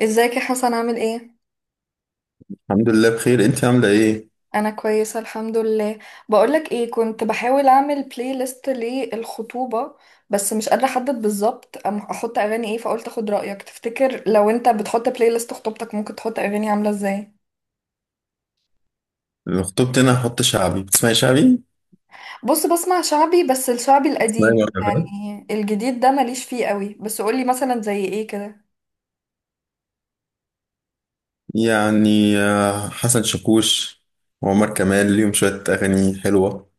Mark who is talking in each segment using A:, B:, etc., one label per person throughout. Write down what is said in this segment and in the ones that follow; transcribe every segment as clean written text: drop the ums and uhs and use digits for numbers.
A: ازيك يا حسن، عامل ايه؟
B: الحمد لله بخير، انت عامله ايه؟
A: انا كويسه الحمد لله. بقولك ايه، كنت بحاول اعمل بلاي ليست للخطوبه بس مش قادره احدد بالظبط احط اغاني ايه، فقلت اخد رايك. تفتكر لو انت بتحط بلاي ليست خطوبتك ممكن تحط اغاني عامله ازاي؟
B: لو خطبت انا هحط شعبي. بتسمعي شعبي؟
A: بص، بسمع شعبي بس الشعبي
B: اسمعي
A: القديم،
B: بقى، فاهم
A: يعني الجديد ده ماليش فيه قوي. بس قولي مثلا زي ايه كده.
B: يعني. حسن شاكوش وعمر كمال ليهم شويه اغاني حلوه.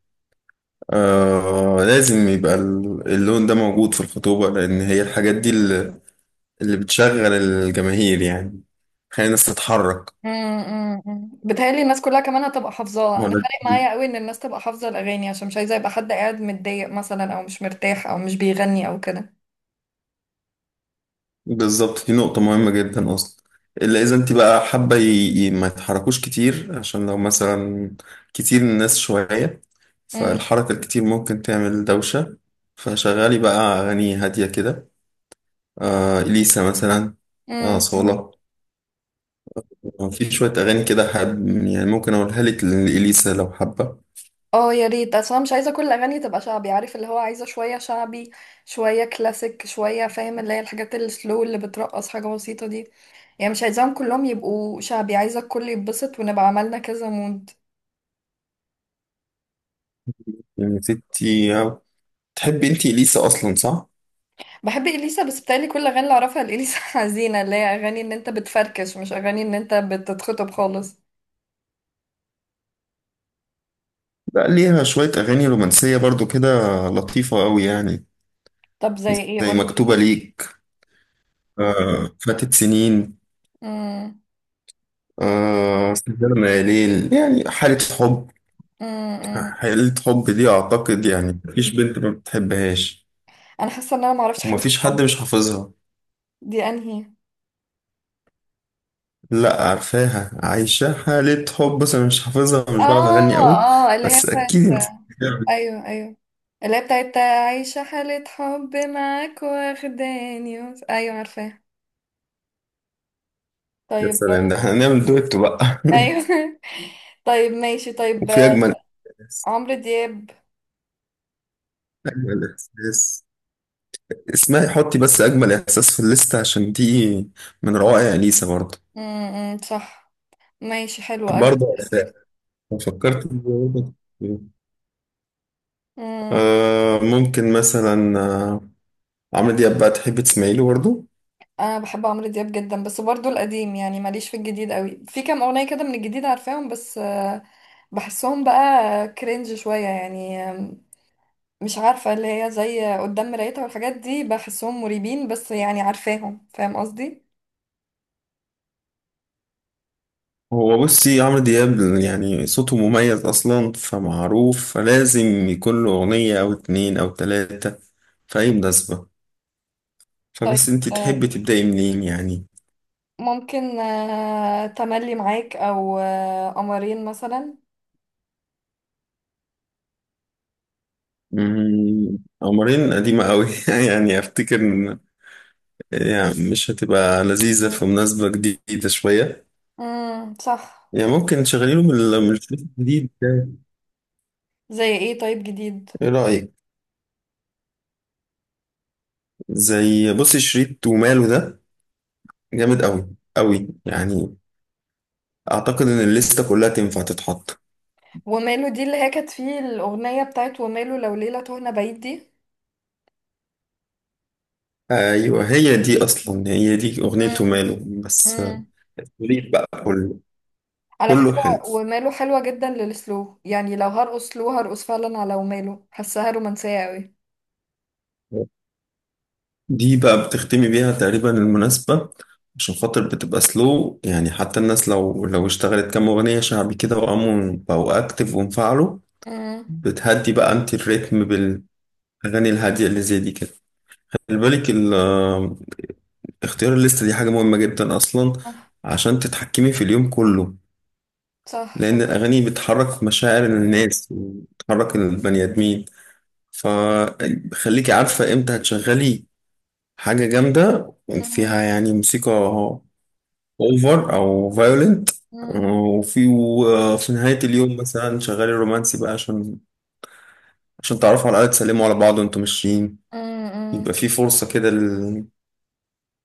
B: آه، لازم يبقى اللون ده موجود في الخطوبه، لان هي الحاجات دي اللي بتشغل الجماهير يعني. خلي الناس تتحرك.
A: بتهيألي الناس كلها كمان هتبقى حافظاها. انا
B: ولا
A: فارق معايا قوي ان الناس تبقى حافظة الاغاني عشان مش عايزة يبقى حد قاعد متضايق مثلا او مش مرتاح او مش بيغني او كده.
B: بالظبط، دي نقطة مهمة جدا أصلا. إلا إذا أنت بقى حابة ما يتحركوش كتير، عشان لو مثلا كتير، الناس شوية،
A: امم
B: فالحركة الكتير ممكن تعمل دوشة. فشغالي بقى أغاني هادية كده. آه، إليسا مثلا. آه،
A: امم امم.
B: صولة. في شوية أغاني كده حب، يعني ممكن أقولها لك لإليسا لو حابة.
A: اه يا ريت، اصلا مش عايزة كل الاغاني تبقى شعبي، عارف اللي هو، عايزة شوية شعبي، شوية كلاسيك، شوية فاهم اللي هي الحاجات السلو اللي بترقص حاجة بسيطة دي. يعني مش عايزاهم كلهم يبقوا شعبي، عايزة الكل يتبسط ونبقى عملنا كذا مود.
B: يعني ستي تحبي أنت إليسا أصلا، صح؟
A: بحب اليسا بس بتقالي كل الاغاني اللي اعرفها لاليسا حزينه، اللي هي اغاني ان انت بتفركش مش اغاني ان انت بتتخطب خالص.
B: بقى ليها شوية أغاني رومانسية برضو كده، لطيفة أوي يعني.
A: طب زي ايه،
B: زي
A: قولي
B: مكتوبة
A: كده.
B: ليك، فاتت سنين،
A: امم
B: سجارة ميالين، يعني حالة حب.
A: امم
B: حالة حب دي أعتقد يعني مفيش بنت ما بتحبهاش،
A: انا حاسه ان انا ما اعرفش حاجه
B: ومفيش حد
A: عنها.
B: مش حافظها.
A: دي انهي؟
B: لا، عارفاها عايشة حالة حب، بس أنا مش حافظها، مش بعرف
A: اه
B: أغني قوي.
A: اه، اللي هي
B: بس
A: بتاعت.
B: أكيد أنت.
A: ايوه ايوه، اللي هي بتاعت عايشه حاله حب معاك واخداني ايوه عارفاها.
B: يا
A: طيب.
B: سلام، ده احنا هنعمل دويتو بقى
A: ايوه طيب ماشي، طيب.
B: وفي أجمل إحساس.
A: عمرو دياب.
B: أجمل إحساس، اسمعي حطي بس أجمل إحساس في الليستة، عشان دي من روائع أليسا برضه.
A: صح. ماشي حلو، اجمل.
B: برضه عارفاها. فكرت إن هو ده.
A: تخطيط.
B: آه، ممكن مثلا عمرو دياب بقى، تحب تسمعي له برضه؟
A: انا بحب عمرو دياب جدا بس برضو القديم، يعني ماليش في الجديد قوي، في كام اغنيه كده من الجديد عارفاهم بس بحسهم بقى كرنج شويه، يعني مش عارفه اللي هي زي قدام مرايتها والحاجات دي، بحسهم مريبين بس يعني عارفاهم، فاهم قصدي.
B: هو بصي عمرو دياب يعني صوته مميز أصلا، فمعروف، فلازم يكون له أغنية أو اتنين أو تلاتة في أي مناسبة. فبس
A: طيب
B: أنت تحبي تبدأي منين يعني.
A: ممكن تملي معاك او قمرين مثلا.
B: مم، قمرين قديمة أوي يعني أفتكر يعني مش هتبقى لذيذة في مناسبة جديدة شوية.
A: صح.
B: يعني ممكن تشغلي له من من الشريط الجديد ده.
A: زي ايه طيب جديد؟
B: إيه رأيك؟ زي بصي شريط وماله ده، جامد قوي، قوي يعني. اعتقد ان الليسته كلها تنفع تتحط.
A: وماله دي، اللي هي كانت فيه الاغنيه بتاعت وماله لو ليله تهنا بعيد دي.
B: ايوه، هي دي اصلا، هي دي اغنيته ماله. بس
A: امم
B: التوليد بقى كله،
A: على
B: كله
A: فكرة،
B: حلو.
A: وماله حلوة جدا للسلو، يعني لو هرقص سلو هرقص فعلا على وماله، حاساها رومانسية قوي.
B: دي بقى بتختمي بيها تقريبا المناسبة، عشان خاطر بتبقى سلو، يعني حتى الناس لو اشتغلت كام أغنية شعبي كده وقاموا بقوا أكتف وانفعلوا،
A: امم
B: بتهدي بقى أنت الريتم بالأغاني الهادية اللي زي دي كده. خلي بالك، اختيار الليستة دي حاجة مهمة جدا أصلا،
A: صح.
B: عشان تتحكمي في اليوم كله،
A: صح
B: لأن
A: صح.
B: الأغاني بتحرك مشاعر الناس وبتحرك البني آدمين. فخليكي عارفة إمتى هتشغلي حاجة جامدة
A: امم
B: فيها يعني موسيقى أوفر أو فايولنت،
A: امم
B: وفي نهاية اليوم مثلا شغالي رومانسي بقى، عشان عشان تعرفوا على الأقل تسلموا على بعض وأنتم ماشيين.
A: امم
B: يبقى في فرصة كده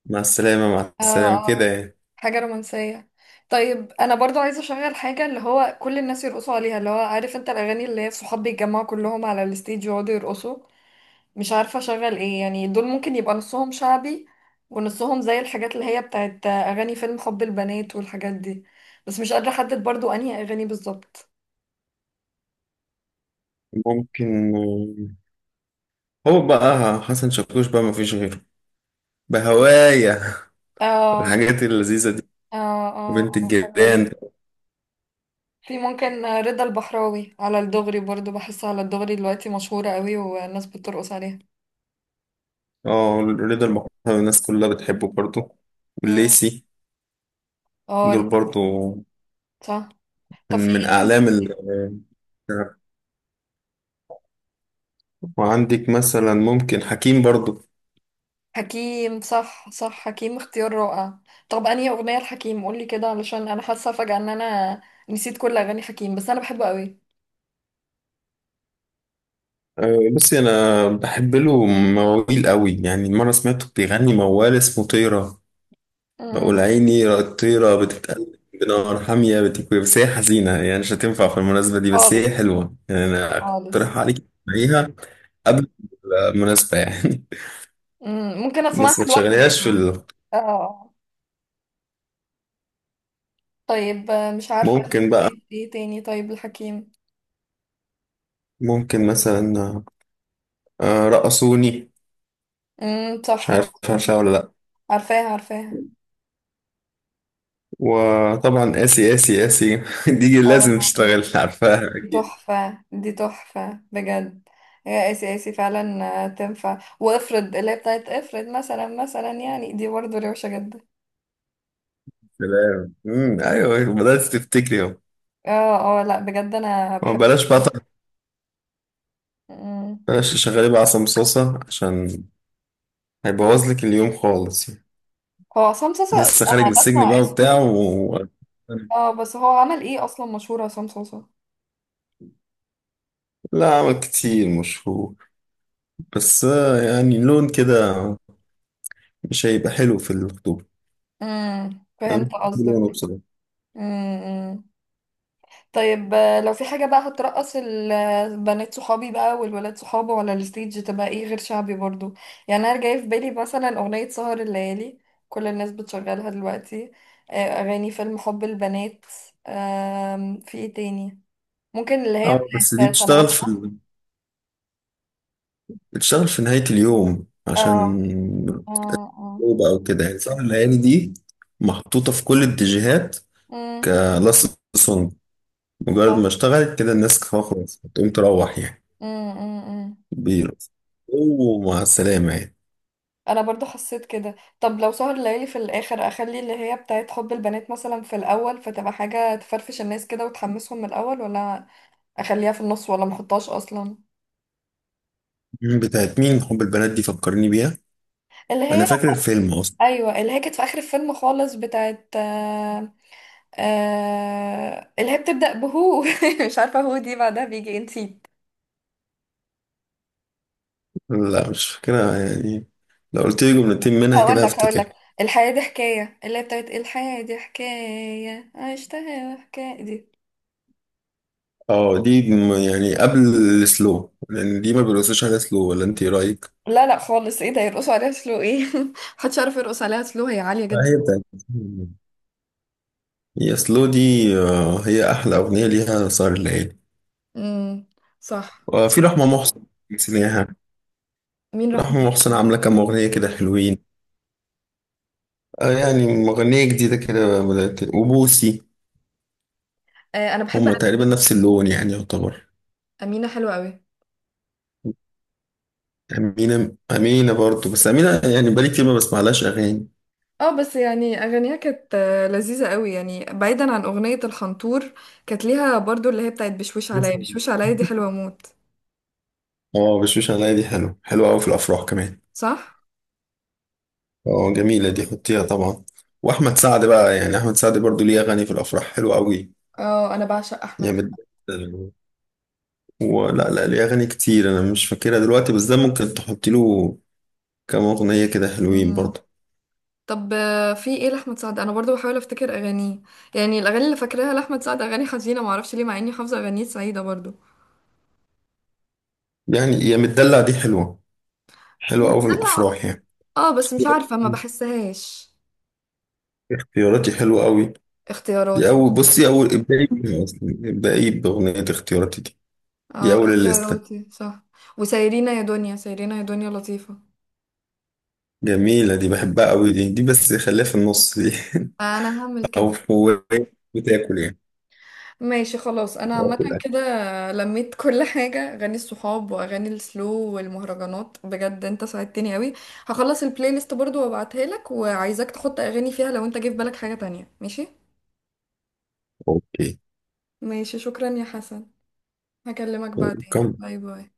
B: مع السلامة مع
A: آه
B: السلامة كده
A: آه.
B: يعني.
A: حاجة رومانسية. طيب أنا برضو عايزة أشغل حاجة اللي هو كل الناس يرقصوا عليها، اللي هو عارف أنت الأغاني اللي هي الصحاب بيتجمعوا كلهم على الستيج ويقعدوا يرقصوا. مش عارفة اشغل ايه، يعني دول ممكن يبقى نصهم شعبي ونصهم زي الحاجات اللي هي بتاعت اغاني فيلم حب البنات والحاجات دي. بس مش قادرة احدد برضو انهي اغاني بالظبط.
B: ممكن، هو بقى حسن شاكوش بقى مفيش غيره بهوايا
A: اه
B: الحاجات اللذيذة دي.
A: اه اه،
B: بنت
A: حلوة دي.
B: الجيران.
A: في ممكن رضا البحراوي، على الدغري برضو بحس على الدغري دلوقتي مشهورة قوي والناس بترقص عليها.
B: اه، رضا المحتوى، الناس كلها بتحبه برضو.
A: مم.
B: والليسي،
A: اه،
B: دول
A: ليه؟
B: برضو
A: صح. طب في
B: من أعلام
A: ايه؟
B: ال. وعندك مثلا ممكن حكيم برضو.
A: حكيم، صح صح، حكيم اختيار رائع. طب انهي اغنية الحكيم، قولي كده، علشان انا حاسة فجأة ان انا نسيت كل اغاني حكيم بس انا بحبه قوي.
B: آه، بصي أنا بحب له مواويل قوي. يعني مرة سمعته بيغني موال اسمه طيرة، بقول
A: مم.
B: عيني الطيرة بتتقلب بنار حامية بتكوي. بس هي حزينة، يعني مش هتنفع في المناسبة دي، بس
A: خالص
B: هي حلوة يعني. أنا
A: خالص.
B: أقترح عليك تسمعيها قبل المناسبة يعني
A: مم. ممكن اسمعها
B: بس ما
A: لوحدي.
B: تشغليهاش في ال...
A: اه. طيب مش عارفة انت،
B: ممكن بقى،
A: طيب ايه تاني طيب الحكيم؟
B: ممكن مثلا رقصوني، مش
A: صح،
B: عارف
A: رأسون.
B: عارفها ولا لأ.
A: عارفاها عارفاها.
B: وطبعا آسي آسي آسي دي لازم
A: اه،
B: تشتغل، عارفاها
A: دي
B: أكيد.
A: تحفة دي تحفة بجد. يا اسي اسي، فعلا تنفع. وافرض اللي هي بتاعت افرض، مثلا مثلا يعني، دي برضه روشة جدا.
B: سلام، مم، أيوه بدأت تفتكري أهو.
A: اه اه، لا بجد انا بحب.
B: بلاش بقى،
A: مم.
B: بلاش تشغلي بقى عصام صوصة، عشان هيبوظ لك اليوم خالص.
A: هو عصام صوصة؟
B: لسه خارج من
A: انا
B: السجن
A: بسمع
B: بقى وبتاع
A: اسمه.
B: و...
A: اه بس هو عمل ايه اصلا مشهور عصام صوصة؟
B: لا عمل كتير، مشهور، بس يعني لون كده مش هيبقى حلو في الخطوبة. أنا
A: فهمت
B: مش بحب
A: قصدك.
B: لونه بصراحة.
A: امم طيب لو في حاجة بقى هترقص البنات صحابي بقى والولاد صحابه ولا الستيج تبقى ايه غير شعبي برضو. يعني انا جاي في بالي مثلا اغنية سهر الليالي، كل الناس بتشغلها دلوقتي. آه، اغاني فيلم حب البنات. في ايه تاني؟ ممكن اللي هي
B: اه بس دي
A: بتاعت سنة أولى
B: بتشتغل في
A: ده.
B: ال... بتشتغل في نهاية اليوم
A: اه
B: عشان
A: اه اه.
B: الخطوبة أو كده يعني. سهر الليالي دي محطوطة في كل اتجاهات،
A: مم.
B: كلاست سونج. مجرد
A: آه،
B: ما اشتغلت كده الناس خلاص هتقوم تروح يعني،
A: مم، مم، مم.
B: بيرقص ومع السلامة يعني.
A: انا برضو حسيت كده. طب لو سهر الليالي في الاخر، اخلي اللي هي بتاعت حب البنات مثلا في الاول، فتبقى حاجه تفرفش الناس كده وتحمسهم من الاول، ولا اخليها في النص، ولا محطهاش اصلا؟
B: مم، بتاعت مين حب البنات دي؟ فكرني بيها،
A: اللي
B: انا
A: هي،
B: فاكر الفيلم اصلا.
A: ايوه، اللي هي كانت في اخر الفيلم خالص بتاعت اللي هي بتبدا بهو مش عارفه هو دي بعدها بيجي إيه، نسيت.
B: لا مش فاكرها يعني، لو قلت لي جملتين منها
A: هقول
B: كده
A: لك هقول
B: هفتكر.
A: لك، الحياه دي حكايه، اللي هي بتاعت الحياه دي حكايه عشتها حكايه دي.
B: اه دي يعني قبل السلو، لان دي ما بيرقصوش على سلو، ولا انت إيه رايك؟
A: لا لا خالص، ايه ده يرقصوا عليها سلو؟ ايه محدش يعرف يرقص عليها سلو، هي عالية
B: آه،
A: جدا.
B: هي بتاعت، هي سلو دي. آه، هي احلى اغنيه ليها سهر الليالي.
A: امم صح.
B: وفي رحمه محسن، نسيناها.
A: مين رحمة؟
B: رحمه محسن عامله كام اغنيه كده حلوين. آه، يعني مغنيه جديده كده بدات. وبوسي،
A: آه انا بحب.
B: هما تقريبا نفس اللون يعني يعتبر.
A: أمينة حلوة قوي.
B: أمينة، أمينة برضو، بس أمينة يعني بقالي كتير ما بسمعلهاش أغاني.
A: اه بس يعني اغانيها كانت لذيذة قوي، يعني بعيدا عن اغنية الخنطور، كانت ليها برضو اللي هي بتاعت بشوش عليا،
B: لسه.
A: بشوش عليا دي حلوة موت.
B: اه بشوش عليا دي حلو، حلو أوي في الأفراح كمان.
A: صح.
B: اه جميلة دي، حطيها طبعا. وأحمد سعد بقى، يعني أحمد سعد برضو ليه أغاني في الأفراح حلوة أوي.
A: اه انا بعشق احمد
B: يعني
A: سعد.
B: ولا لا، ليه أغاني كتير أنا مش فاكرها دلوقتي، بس ده ممكن تحط له كام أغنية كده حلوين
A: مم.
B: برضو.
A: طب في ايه لاحمد سعد؟ انا برضو بحاول افتكر اغانيه، يعني الاغاني اللي فاكراها لاحمد سعد اغاني حزينة، معرفش ليه مع اني حافظة اغانيه سعيدة برضو.
B: يعني يا متدلع دي حلوة، حلوة أوي في
A: دلع؟
B: الأفراح يعني.
A: اه بس مش عارفة، ما بحسهاش.
B: اختياراتي حلوة أوي، دي
A: اختياراتي.
B: أول، بصي أول ابدأي بيها أصلا، ابدأي بأغنية اختياراتي دي، دي
A: اه
B: أول الليستة.
A: اختياراتي، صح. وسايرينا يا دنيا، سايرينا يا دنيا لطيفة.
B: جميلة دي بحبها أوي، دي دي بس خليها في النص دي
A: انا هعمل
B: أو
A: كده.
B: هو بتاكل يعني،
A: ماشي خلاص، انا
B: بتاكل
A: عامة
B: أكل.
A: كده لميت كل حاجة، اغاني الصحاب واغاني السلو والمهرجانات. بجد انت ساعدتني قوي. هخلص البلاي ليست برضو وابعتها لك، وعايزاك تحط اغاني فيها لو انت جه في بالك حاجة تانية، ماشي؟
B: أوكي.
A: ماشي، شكرا يا حسن، هكلمك بعدين،
B: كم
A: باي باي.